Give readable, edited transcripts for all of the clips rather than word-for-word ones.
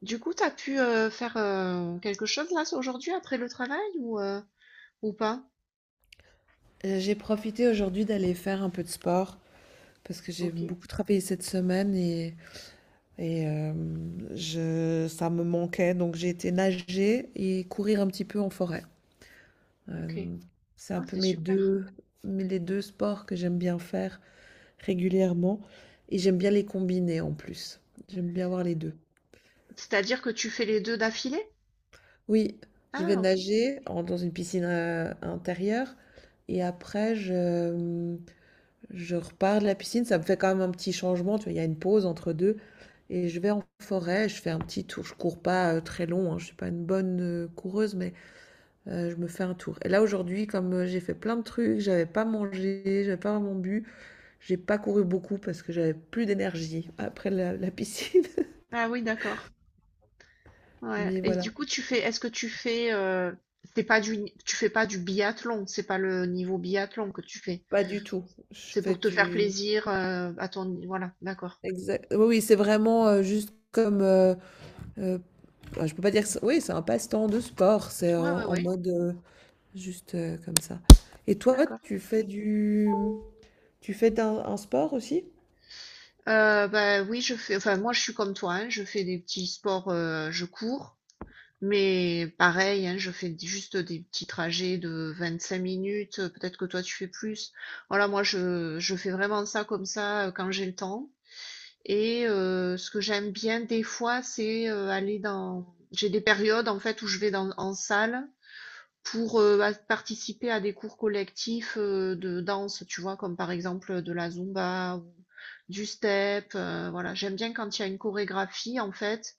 Du coup, t'as pu faire quelque chose là aujourd'hui après le travail ou pas? J'ai profité aujourd'hui d'aller faire un peu de sport parce que j'ai Ok, beaucoup travaillé cette semaine et ça me manquait. Donc j'ai été nager et courir un petit peu en forêt. ok. Euh, c'est un Ah, peu c'est super. Les deux sports que j'aime bien faire régulièrement, et j'aime bien les combiner en plus. J'aime bien avoir les deux. C'est-à-dire que tu fais les deux d'affilée? Oui, je vais Ah, ok. Dans une piscine intérieure et je repars de la piscine. Ça me fait quand même un petit changement, tu vois, il y a une pause entre deux. Et je vais en forêt, je fais un petit tour. Je cours pas très long, hein, je suis pas une bonne coureuse, mais je me fais un tour. Et là aujourd'hui, comme j'ai fait plein de trucs, j'avais pas mangé, j'avais pas vraiment bu, j'ai pas couru beaucoup parce que j'avais plus d'énergie après la piscine. Ah oui, d'accord. Ouais. Mais Et voilà, du coup, tu fais, est-ce que tu fais, c'est pas du, tu fais pas du biathlon, c'est pas le niveau biathlon que tu fais. pas du tout. Je C'est fais pour te faire du plaisir, à ton, voilà, d'accord. exact. Oui, oui, c'est vraiment juste comme. euh, je peux pas dire. Que c'est- Oui, c'est un passe-temps de sport. C'est Ouais, ouais, en ouais, mode. Juste comme ça. Et toi, d'accord. tu fais du... Tu fais un sport aussi? Bah oui, je fais, enfin moi je suis comme toi, hein, je fais des petits sports, je cours. Mais pareil, hein, je fais juste des petits trajets de 25 minutes. Peut-être que toi, tu fais plus. Voilà, moi, je fais vraiment ça comme ça quand j'ai le temps. Et ce que j'aime bien des fois, c'est aller dans... J'ai des périodes, en fait, où je vais dans, en salle pour participer à des cours collectifs de danse, tu vois, comme par exemple de la Zumba ou du step. Voilà, j'aime bien quand il y a une chorégraphie, en fait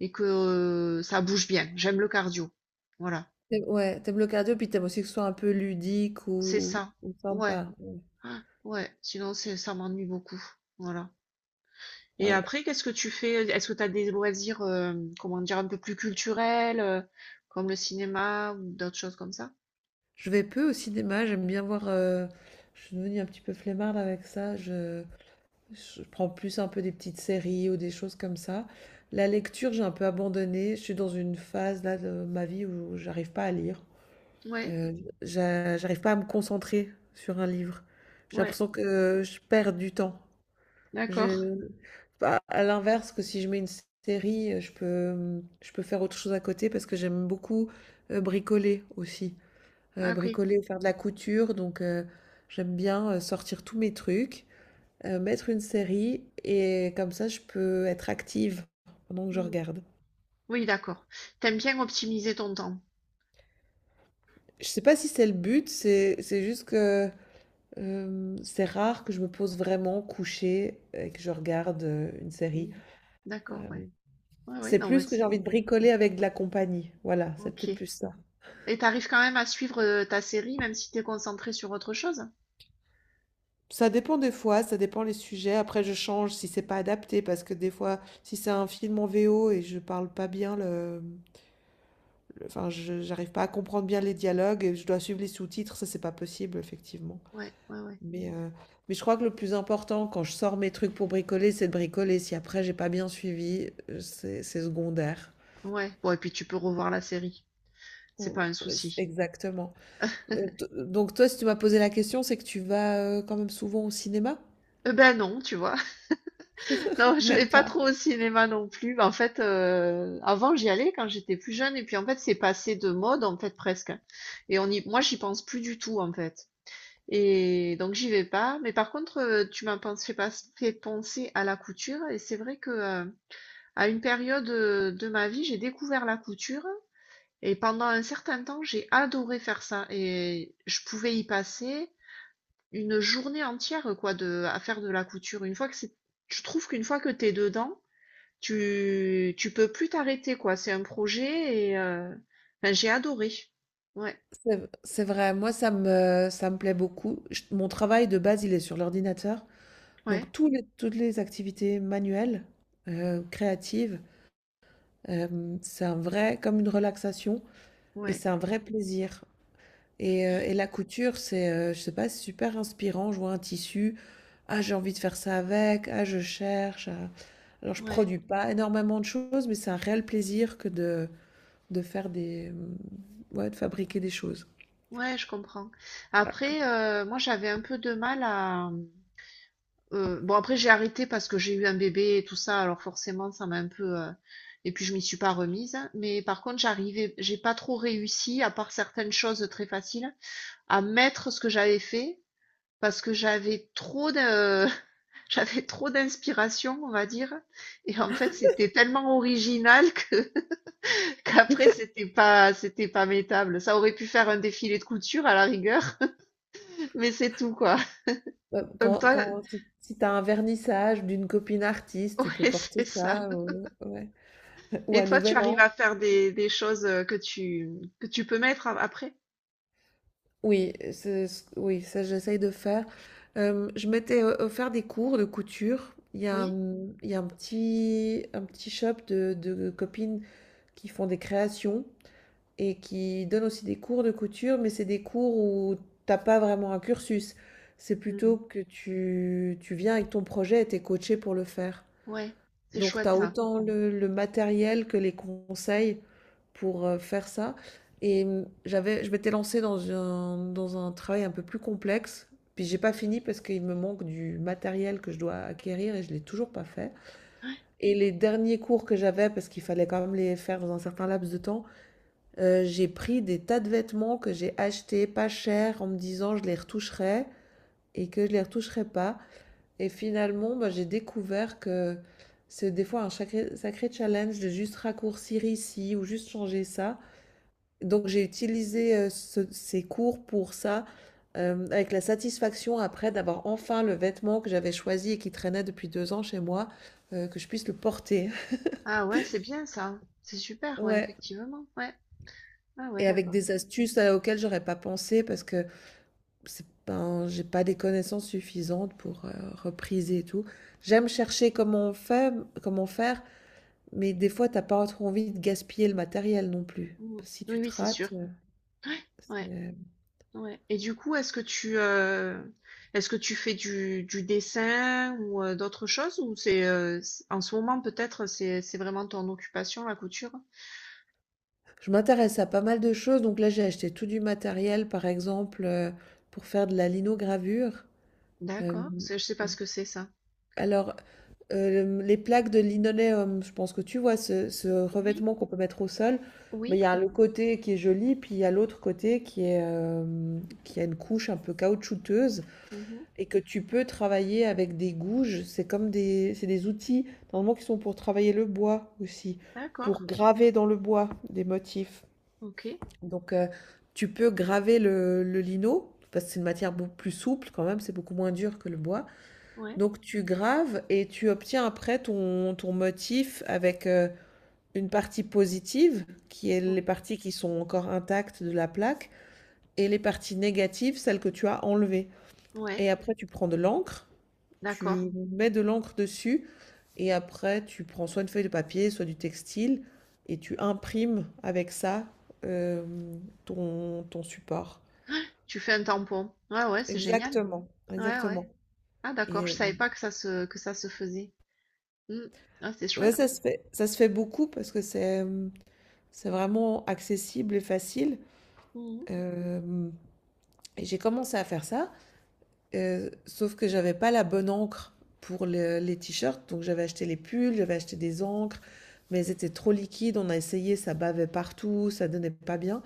et que ça bouge bien. J'aime le cardio. Voilà, Ouais, t'aimes le cardio, puis t'aimes aussi que ce soit un peu ludique c'est ça. ou Ouais, sympa. Ouais. ah, ouais. Sinon, c'est ça m'ennuie beaucoup. Voilà. Et Hein, après, qu'est-ce que tu fais? Est-ce que tu as des loisirs, comment dire, un peu plus culturels, comme le cinéma ou d'autres choses comme ça? Je vais peu au cinéma, j'aime bien voir... Je suis devenue un petit peu flemmarde avec ça. Je prends plus un peu des petites séries ou des choses comme ça. La lecture, j'ai un peu abandonné. Je suis dans une phase là de ma vie où j'arrive pas à lire. Ouais, Euh, J'arrive pas à me concentrer sur un livre. J'ai ouais. l'impression que je perds du temps. D'accord. Je à l'inverse, que si je mets une série, je peux, je peux faire autre chose à côté parce que j'aime beaucoup, bricoler aussi, Ah, ok. bricoler ou faire de la couture, donc j'aime bien, sortir tous mes trucs, mettre une série, et comme ça je peux être active pendant que je Hmm. regarde. Oui, d'accord. T'aimes bien optimiser ton temps. Je sais pas si c'est le but, c'est juste que, c'est rare que je me pose vraiment couchée et que je regarde, une série. Hmm. D'accord, Euh, ouais. Ouais, ouais, C'est non, mais plus que j'ai c'est... envie de bricoler avec de la compagnie. Voilà, c'est Ok. peut-être plus ça. Et t'arrives quand même à suivre ta série, même si t'es concentré sur autre chose? Ça dépend des fois, ça dépend les sujets. Après, je change si c'est pas adapté, parce que des fois, si c'est un film en VO et je parle pas bien enfin, je j'arrive pas à comprendre bien les dialogues et je dois suivre les sous-titres, ça c'est pas possible effectivement. Ouais, ouais, ouais. Mais euh, mais je crois que le plus important quand je sors mes trucs pour bricoler, c'est de bricoler. Si après j'ai pas bien suivi, c'est secondaire. Ouais. Bon, et puis tu peux revoir la série. C'est Ou- pas un ou- souci. Exactement. Donc toi, si tu m'as posé la question, c'est que tu vas, quand même souvent au cinéma? Eh ben non, tu vois. Non, je vais Même pas pas. trop au cinéma non plus. En fait, avant j'y allais quand j'étais plus jeune, et puis en fait c'est passé de mode en fait presque. Et on y, moi j'y pense plus du tout en fait. Et donc j'y vais pas. Mais par contre, tu m'as pensé, fait pas- fait penser à la couture, et c'est vrai que à une période de ma vie, j'ai découvert la couture et pendant un certain temps, j'ai adoré faire ça et je pouvais y passer une journée entière quoi de à faire de la couture. Une fois que c'est je trouve qu'une fois que t'es dedans, tu peux plus t'arrêter quoi, c'est un projet et enfin, j'ai adoré. Ouais, C'est c'est vrai, moi ça me plaît beaucoup. Je Mon travail de base, il est sur l'ordinateur, ouais, donc tous les toutes les activités manuelles, créatives, c'est un vrai comme une relaxation, et ouais, c'est un vrai plaisir. Et la couture, c'est, je sais pas, c'est super inspirant. Je vois un tissu, ah j'ai envie de faire ça avec, ah je cherche, alors je ouais. produis pas énormément de choses, mais c'est un réel plaisir que de faire des, ouais, de fabriquer des choses. Ouais, je comprends. Après, moi, j'avais un peu de mal à, bon, après, j'ai arrêté parce que j'ai eu un bébé et tout ça, alors forcément, ça m'a un peu. Et puis, je m'y suis pas remise. Mais par contre, j'ai pas trop réussi, à part certaines choses très faciles, à mettre ce que j'avais fait parce que j'avais trop de. J'avais trop d'inspiration, on va dire. Et en fait, c'était tellement original que qu'après, c'était pas mettable. Ça aurait pu faire un défilé de couture à la rigueur, mais c'est tout, quoi. Ouais, Donc quand toi, quand si si tu as un vernissage d'une copine artiste, tu peux ouais, porter c'est ça. ça, ouais. Ou Et à toi, tu Nouvel arrives An. à faire des choses que tu peux mettre après? Oui, c'est ce oui, ça j'essaye de faire. Je m'étais, offert des cours de couture. Oui? Il y a un petit shop de copines qui font des créations et qui donne aussi des cours de couture, mais c'est des cours où t'as pas vraiment un cursus. C'est Mhm. plutôt que tu viens avec ton projet et t'es coaché pour le faire. Ouais, c'est Donc chouette t'as ça. autant le matériel que les conseils pour faire ça. Et je m'étais lancée dans dans un travail un peu plus complexe. Puis j'ai pas fini parce qu'il me manque du matériel que je dois acquérir et je l'ai toujours pas fait. Ouais. Et les derniers cours que j'avais, parce qu'il fallait quand même les faire dans un certain laps de temps, j'ai pris des tas de vêtements que j'ai achetés pas cher en me disant je les retoucherai, et que je les retoucherai pas. Et finalement, bah, j'ai découvert que c'est des fois un sacré, sacré challenge de juste raccourcir ici ou juste changer ça. Donc j'ai utilisé ces cours pour ça, avec la satisfaction après d'avoir enfin le vêtement que j'avais choisi et qui traînait depuis deux ans chez moi, que je puisse le porter. Ah ouais, c'est bien ça. C'est super, ouais, Ouais. effectivement. Ouais. Ah ouais, Et avec d'accord. des astuces auxquelles j'aurais pas pensé parce que c'est pas, j'ai pas des connaissances suffisantes pour repriser et tout. J'aime chercher comment on fait, comment faire, mais des fois, t'as pas trop envie de gaspiller le matériel non plus. Mhm. Si Oui, tu te oui, c'est sûr. rates, Ouais, ouais, c'est- ouais. Et du coup, est-ce que tu fais du dessin ou d'autres choses? Ou c'est, en ce moment, peut-être, c'est vraiment ton occupation, la couture? je m'intéresse à pas mal de choses. Donc là, j'ai acheté tout du matériel, par exemple, pour faire de la linogravure. Euh, D'accord. C'est- Je sais pas ce que c'est ça. alors, les plaques de linoléum, je pense que tu vois ce Oui, revêtement qu'on peut mettre au sol, mais il y oui. a le côté qui est joli, puis il y a l'autre côté qui est qui a une couche un peu caoutchouteuse Mhm. et que tu peux travailler avec des gouges. C'est des outils normalement qui sont pour travailler le bois aussi, D'accord. pour graver dans le bois des motifs. Ok. Donc tu peux graver le lino parce que c'est une matière beaucoup plus souple quand même, c'est beaucoup moins dur que le bois. Ouais. Donc tu graves et tu obtiens après ton motif avec une partie positive, qui est les Oui. parties qui sont encore intactes de la plaque, et les parties négatives, celles que tu as enlevées. Ouais, Et après tu prends de l'encre, d'accord. tu mets de l'encre dessus, et après tu prends soit une feuille de papier, soit du textile, et tu imprimes avec ça euh, ton support. Tu fais un tampon. Ouais, ouais, c'est génial. Exactement, Ouais, ouais. exactement. Ah, d'accord, Et je savais pas que ça se, que ça se faisait. Hmm. Ah, c'est ouais, chouette. Ça se fait beaucoup parce que c'est vraiment accessible et facile. Mhm. Euh, et j'ai commencé à faire ça, sauf que j'avais pas la bonne encre pour les t-shirts, donc j'avais acheté les pulls, j'avais acheté des encres, mais elles étaient trop liquides. On a essayé, ça bavait partout, ça donnait pas bien.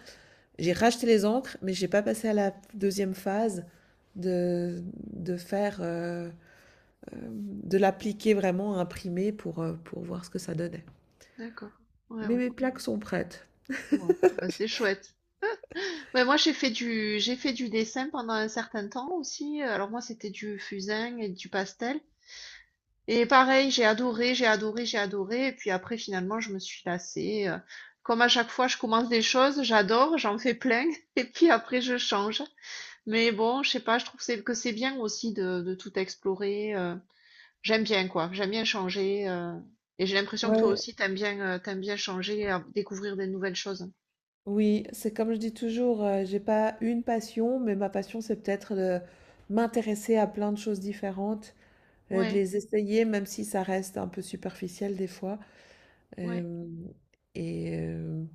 J'ai racheté les encres, mais j'ai pas passé à la deuxième phase de, de faire, de l'appliquer vraiment, à imprimer pour voir ce que ça donnait. D'accord. Ouais, Mais ouais. mes plaques sont prêtes. Bon, bah, c'est chouette. Ouais, moi, j'ai fait du dessin pendant un certain temps aussi. Alors, moi, c'était du fusain et du pastel. Et pareil, j'ai adoré, j'ai adoré, j'ai adoré. Et puis après, finalement, je me suis lassée. Comme à chaque fois, je commence des choses, j'adore, j'en fais plein. Et puis après, je change. Mais bon, je sais pas, je trouve que c'est bien aussi de tout explorer. J'aime bien quoi, j'aime bien changer. Et j'ai l'impression que toi Ouais, aussi t'aimes bien changer, découvrir des nouvelles choses. oui, c'est comme je dis toujours, j'ai pas une passion, mais ma passion, c'est peut-être de m'intéresser à plein de choses différentes, de Ouais, les essayer, même si ça reste un peu superficiel des fois, ouais, hem et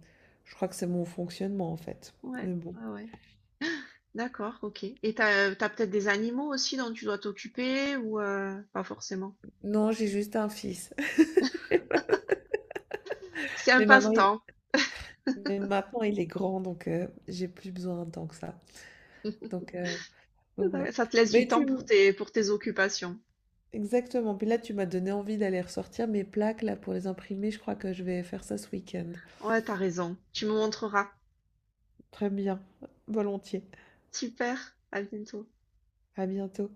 je crois que c'est mon fonctionnement, en fait, ouais, mais bon. ouais, ouais. D'accord, ok. Et t'as, t'as peut-être des animaux aussi dont tu dois t'occuper ou pas forcément. Non, j'ai juste un fils, C'est un mais maintenant il passe-temps. mais maintenant il est grand, donc j'ai plus besoin tant que ça, donc heu, donc ouais. Ça te laisse du Mais tu temps m pour tes occupations. Exactement, puis là, tu m'as donné envie d'aller ressortir mes plaques, là, pour les imprimer. Je crois que je vais faire ça ce week-end. Ouais, t'as raison. Tu me montreras. Très bien, volontiers. Super, à bientôt. À bientôt.